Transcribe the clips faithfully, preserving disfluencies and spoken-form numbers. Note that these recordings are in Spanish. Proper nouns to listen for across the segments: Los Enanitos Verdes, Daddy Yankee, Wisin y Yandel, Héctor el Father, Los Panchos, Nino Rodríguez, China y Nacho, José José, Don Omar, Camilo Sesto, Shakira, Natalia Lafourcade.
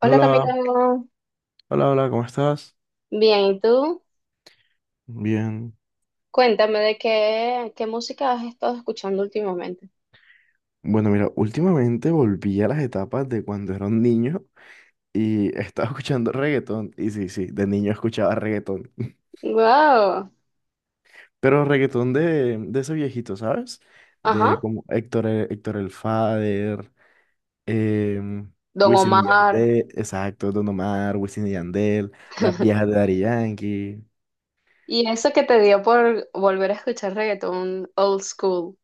Hola Hola, Camilo, hola, hola, ¿cómo estás? bien, ¿y tú? Bien. Cuéntame de qué, qué música has estado escuchando últimamente. Bueno, mira, últimamente volví a las etapas de cuando era un niño y estaba escuchando reggaetón. Y sí, sí, de niño escuchaba reggaetón. Wow, Pero reggaetón de, de ese viejito, ¿sabes? De ajá, como Héctor, eh, Héctor el Father, eh, Don Wisin y Omar. Yandel, exacto, Don Omar, Wisin y Yandel, las viejas de Daddy Yankee. Y eso que te dio por volver a escuchar reggaetón old school.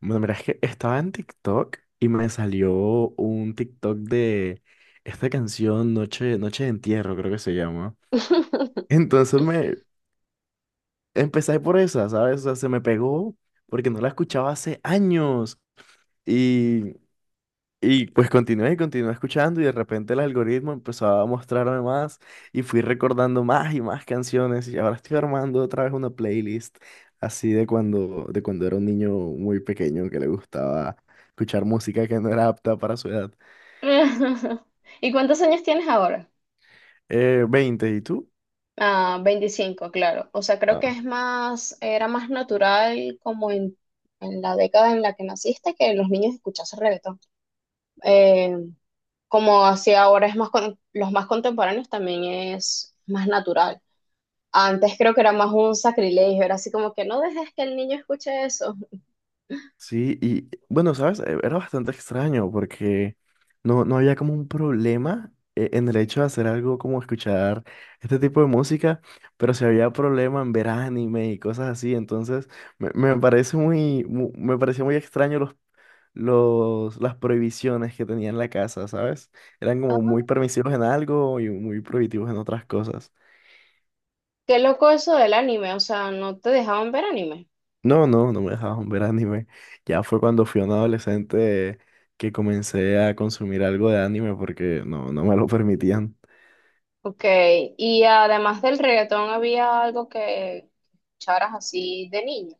Bueno, mira, es que estaba en TikTok y me salió un TikTok de esta canción Noche, Noche de Entierro, creo que se llama. Entonces me empecé por esa, ¿sabes? O sea, se me pegó porque no la escuchaba hace años. y y pues continué y continué escuchando, y de repente el algoritmo empezó a mostrarme más y fui recordando más y más canciones, y ahora estoy armando otra vez una playlist así de cuando, de cuando era un niño muy pequeño que le gustaba escuchar música que no era apta para su edad. ¿Y cuántos años tienes ahora? Eh, veinte, ¿y tú? Ah, veinticinco, claro. O sea, creo que Ah. es más, era más natural como en, en la década en la que naciste que los niños escuchasen reggaetón. Eh, Como así ahora es más con- los más contemporáneos también es más natural. Antes creo que era más un sacrilegio, era así como que no dejes que el niño escuche eso. Sí, y bueno, ¿sabes? Eh, Era bastante extraño porque no, no había como un problema, eh, en el hecho de hacer algo como escuchar este tipo de música, pero sí había problema en ver anime y cosas así. Entonces me, me parece muy, mu- me pareció muy extraño los, los, las prohibiciones que tenía en la casa, ¿sabes? Eran Ah, como muy permisivos en algo y muy prohibitivos en otras cosas. qué loco eso del anime, o sea, no te dejaban ver anime. No, no, no me dejaban ver anime. Ya fue cuando fui un adolescente que comencé a consumir algo de anime porque no, no me lo permitían. Ok, y además del reggaetón había algo que escucharas así de niño.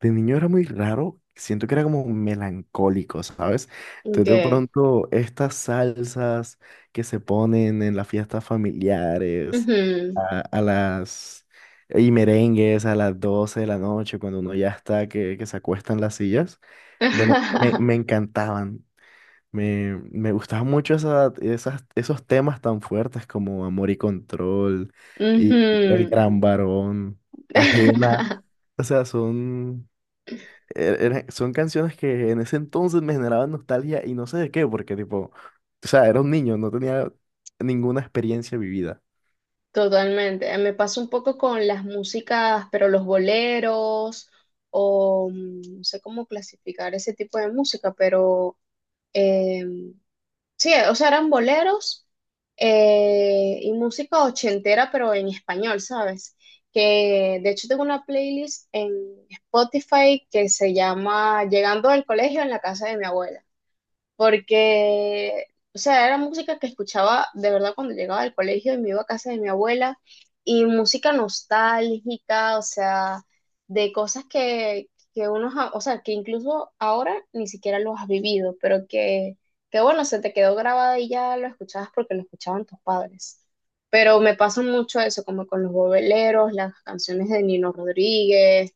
De niño era muy raro, siento que era como melancólico, ¿sabes? Entonces Ok. de pronto estas salsas que se ponen en las fiestas familiares, Ujú. a, a las... y merengues a las doce de la noche, cuando uno ya está, que, que se acuestan las sillas, bueno, me, me encantaban. Me, me gustaban mucho esa- esas, esos temas tan fuertes como Amor y Control y El Ujú. Gran Varón, Ajena. O sea, son, er- era- son canciones que en ese entonces me generaban nostalgia y no sé de qué, porque tipo, o sea, era un niño, no tenía ninguna experiencia vivida. Totalmente. Eh, Me pasa un poco con las músicas, pero los boleros, o mm, no sé cómo clasificar ese tipo de música, pero eh, sí, o sea, eran boleros eh, y música ochentera, pero en español, ¿sabes? Que de hecho tengo una playlist en Spotify que se llama Llegando al Colegio en la Casa de mi Abuela, porque, o sea, era música que escuchaba de verdad cuando llegaba del colegio y me iba a casa de mi abuela, y música nostálgica, o sea, de cosas que, que uno, ja- o sea, que incluso ahora ni siquiera los has vivido, pero que, que bueno, se te quedó grabada y ya lo escuchabas porque lo escuchaban tus padres. Pero me pasa mucho eso, como con los bobeleros, las canciones de Nino Rodríguez,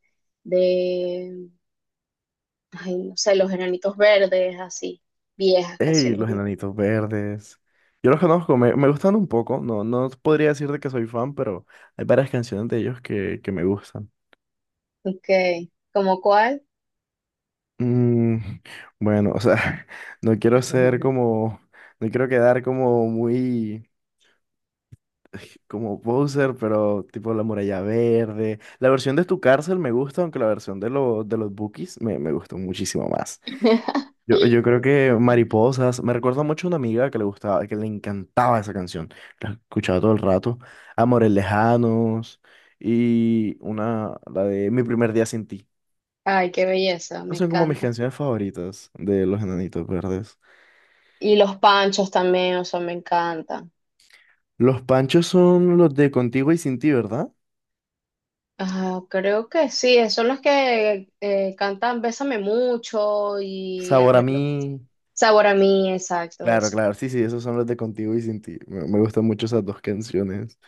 ay, no sé, los Enanitos Verdes, así, viejas, Ey, canciones los viejas. Enanitos Verdes. Yo los conozco, me, me gustan un poco. No, no podría decirte que soy fan, pero hay varias canciones de ellos que, que me gustan. Ok, ¿como cuál? Mm, bueno, o sea, no quiero ser como, no quiero quedar como muy, como poser, pero tipo la muralla verde. La versión de tu cárcel me gusta, aunque la versión de, lo- de los Bookies me, me gustó muchísimo más. Yo, yo creo que Mariposas me recuerda mucho a una amiga que le gustaba, que le encantaba esa canción, la escuchaba todo el rato. Amores Lejanos y una, la de Mi primer día sin ti. Ay, qué belleza, me Son como mis encanta. canciones favoritas de Los Enanitos Verdes. Y los Panchos también, o sea, me encantan. Los panchos son los de contigo y sin ti, ¿verdad? Ah, creo que sí, esos son los que eh, cantan Bésame Mucho y El Sabor a Reloj. mí. Sabor a Mí, exacto, Claro, eso. claro, sí, sí, esos son los de contigo y sin ti. Me, me gustan mucho esas dos canciones.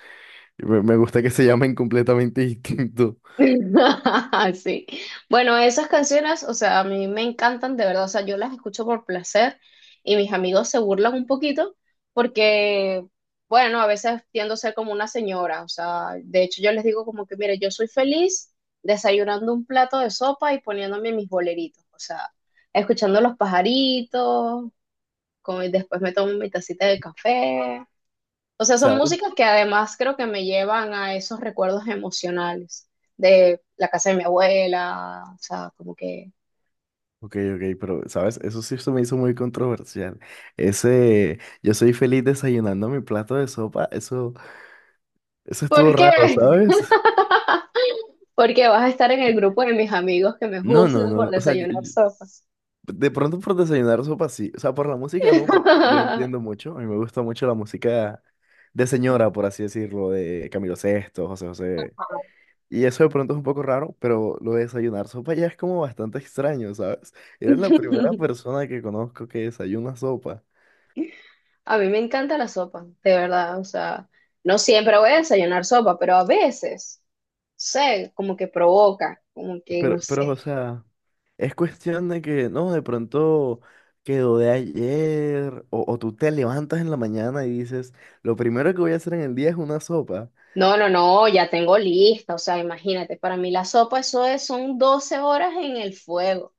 Y Me, me gusta que se llamen completamente distinto, Sí. Bueno, esas canciones, o sea, a mí me encantan de verdad, o sea, yo las escucho por placer y mis amigos se burlan un poquito, porque, bueno, a veces tiendo a ser como una señora. O sea, de hecho yo les digo como que, mire, yo soy feliz desayunando un plato de sopa y poniéndome mis boleritos, o sea, escuchando los pajaritos, como, y después me tomo mi tacita de café. O sea, son ¿sabes? músicas que además creo que me llevan a esos recuerdos emocionales de la casa de mi abuela, o sea, como que... Ok, ok, pero, ¿sabes? Eso sí se me hizo muy controversial. Ese, yo soy feliz desayunando mi plato de sopa, eso, eso estuvo ¿Por raro, qué? ¿sabes? Porque vas a estar en el grupo de mis amigos que me No, no, juzgan por no, o sea, yo, desayunar sopas. de pronto por desayunar sopa sí. O sea, por la música no, porque yo entiendo mucho. A mí me gusta mucho la música de señora, por así decirlo, de Camilo Sesto, José José. Y eso de pronto es un poco raro, pero lo de desayunar sopa ya es como bastante extraño, ¿sabes? Eres la primera persona que conozco que desayuna sopa. A mí me encanta la sopa, de verdad. O sea, no siempre voy a desayunar sopa, pero a veces, no sé, como que provoca, como que no Pero, pero, o sé. sea, es cuestión de que, no, de pronto quedó de ayer, o, o tú te levantas en la mañana y dices, lo primero que voy a hacer en el día es una sopa. No, no, no, ya tengo lista, o sea, imagínate, para mí la sopa eso es, son doce horas en el fuego.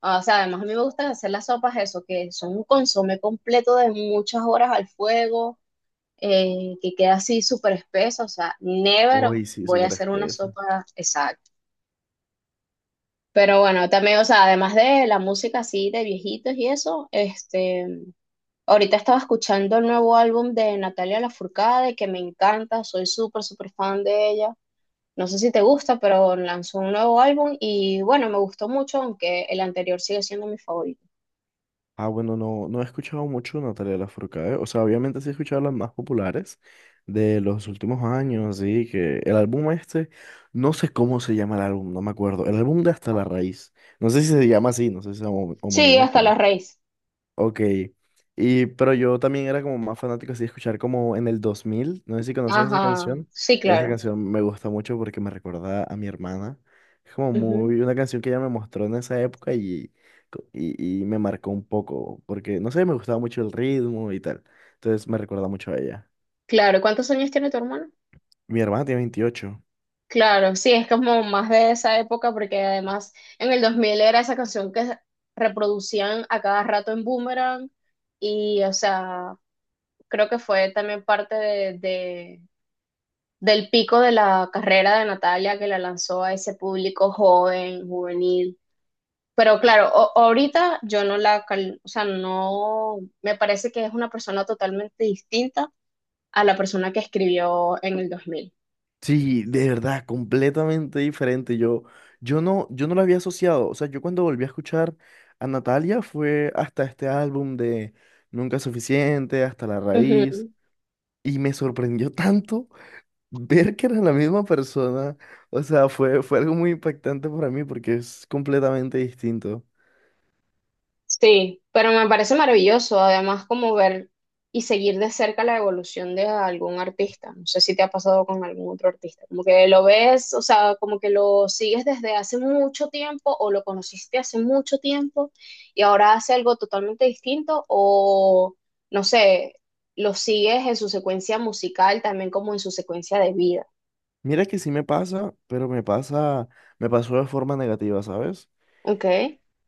Ah, o sea, además a mí me gusta hacer las sopas eso, que son un consomé completo de muchas horas al fuego, eh, que queda así súper espeso, o sea, never Uy, sí, voy a súper hacer una espesa. sopa exacta. Pero bueno, también, o sea, además de la música así de viejitos y eso, este, ahorita estaba escuchando el nuevo álbum de Natalia Lafourcade, que me encanta, soy súper, súper fan de ella. No sé si te gusta, pero lanzó un nuevo álbum y bueno, me gustó mucho, aunque el anterior sigue siendo mi favorito. Ah, bueno, no, no he escuchado mucho Natalia Lafourcade. O sea, obviamente sí he escuchado las más populares de los últimos años, sí, que el álbum este, no sé cómo se llama el álbum, no me acuerdo. El álbum de Hasta la Raíz. No sé si se llama así, no sé si es Sí, homónimo, Hasta pero... la Raíz. Ok. Y, pero yo también era como más fanático así de escuchar como En el dos mil, no sé si conoces esa Ajá, canción. sí, Esa claro. canción me gusta mucho porque me recuerda a mi hermana. Es como Ujú. muy una canción que ella me mostró en esa época y, co- y, y me marcó un poco porque, no sé, me gustaba mucho el ritmo y tal. Entonces me recuerda mucho a ella. Claro, ¿cuántos años tiene tu hermano? Mi hermana tiene veintiocho. Claro, sí, es como más de esa época, porque además en el dos mil era esa canción que reproducían a cada rato en Boomerang. Y o sea, creo que fue también parte de, de- del pico de la carrera de Natalia, que la lanzó a ese público joven, juvenil. Pero claro, o- ahorita yo no la, cal- o sea, no, me parece que es una persona totalmente distinta a la persona que escribió en el dos mil. Sí, de verdad, completamente diferente. Yo, yo no, yo no la había asociado. O sea, yo cuando volví a escuchar a Natalia fue hasta este álbum de Nunca es suficiente, hasta la Ujú. raíz. Y me sorprendió tanto ver que era la misma persona. O sea, fue, fue algo muy impactante para mí porque es completamente distinto. Sí, pero me parece maravilloso, además como ver y seguir de cerca la evolución de algún artista. No sé si te ha pasado con algún otro artista, como que lo ves, o sea, como que lo sigues desde hace mucho tiempo o lo conociste hace mucho tiempo y ahora hace algo totalmente distinto o, no sé, lo sigues en su secuencia musical, también como en su secuencia de vida. Mira que sí me pasa, pero me pasa, me pasó de forma negativa, ¿sabes? Ok.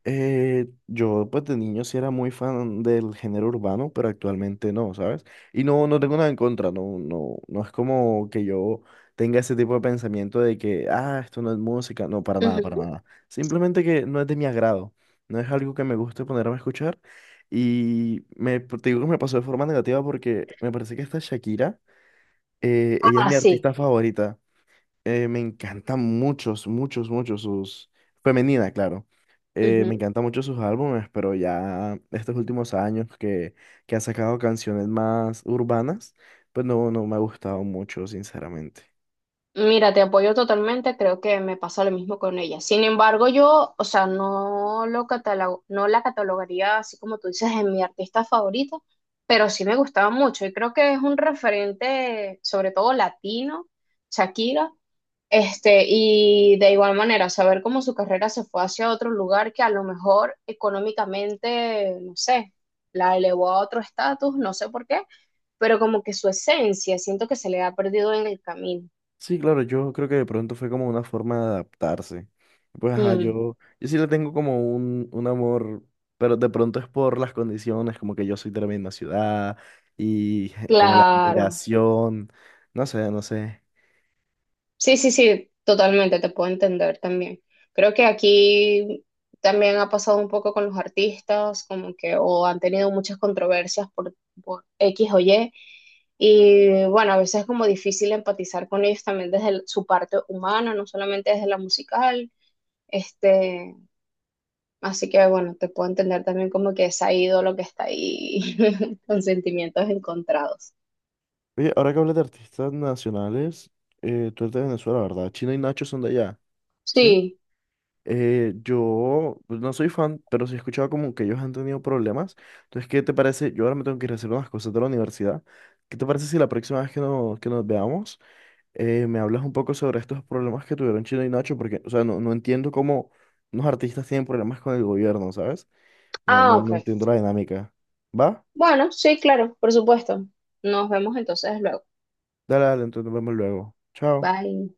Eh, yo pues de niño sí era muy fan del género urbano, pero actualmente no, ¿sabes? Y no, no tengo nada en contra, no, no, no es como que yo tenga ese tipo de pensamiento de que, ah, esto no es música, no, para nada, para Ujú. nada. Simplemente que no es de mi agrado, no es algo que me guste ponerme a escuchar. Y me, te digo que me pasó de forma negativa porque me parece que esta Shakira, eh, ella es Ah, mi sí. artista favorita. Eh, me encantan muchos, muchos, muchos sus... Femenina, claro. Eh, me encantan mucho sus álbumes, pero ya estos últimos años que, que ha sacado canciones más urbanas, pues no, no me ha gustado mucho, sinceramente. Mira, te apoyo totalmente, creo que me pasa lo mismo con ella. Sin embargo, yo, o sea, no lo catalogo, no la catalogaría así como tú dices en mi artista favorita, pero sí me gustaba mucho y creo que es un referente, sobre todo latino, Shakira, este, y de igual manera, saber cómo su carrera se fue hacia otro lugar que a lo mejor económicamente, no sé, la elevó a otro estatus, no sé por qué, pero como que su esencia, siento que se le ha perdido en el camino. Sí, claro, yo creo que de pronto fue como una forma de adaptarse. Pues ajá, Mm. yo, yo sí le tengo como un, un amor, pero de pronto es por las condiciones, como que yo soy de la misma ciudad y como la Claro, admiración, no sé, no sé. sí, sí, sí, totalmente, te puedo entender también. Creo que aquí también ha pasado un poco con los artistas, como que o han tenido muchas controversias por, por, X o Y, y bueno, a veces es como difícil empatizar con ellos también desde el- su parte humana, no solamente desde la musical, este, así que bueno, te puedo entender también como que esa ídolo que está ahí con sentimientos encontrados. Oye, ahora que hablas de artistas nacionales, eh, tú eres de Venezuela, ¿verdad? China y Nacho son de allá, ¿sí? Sí, Eh, yo pues, no soy fan, pero sí he escuchado como que ellos han tenido problemas. Entonces, ¿qué te parece? Yo ahora me tengo que ir a hacer unas cosas de la universidad. ¿Qué te parece si la próxima vez que, no- que nos veamos, eh, me hablas un poco sobre estos problemas que tuvieron China y Nacho? Porque, o sea, no, no entiendo cómo unos artistas tienen problemas con el gobierno, ¿sabes? No, ah, no, ok. no entiendo la dinámica. ¿Va? Bueno, sí, claro, por supuesto. Nos vemos entonces luego. Dale, dale, entonces nos vemos luego. Chao. Bye.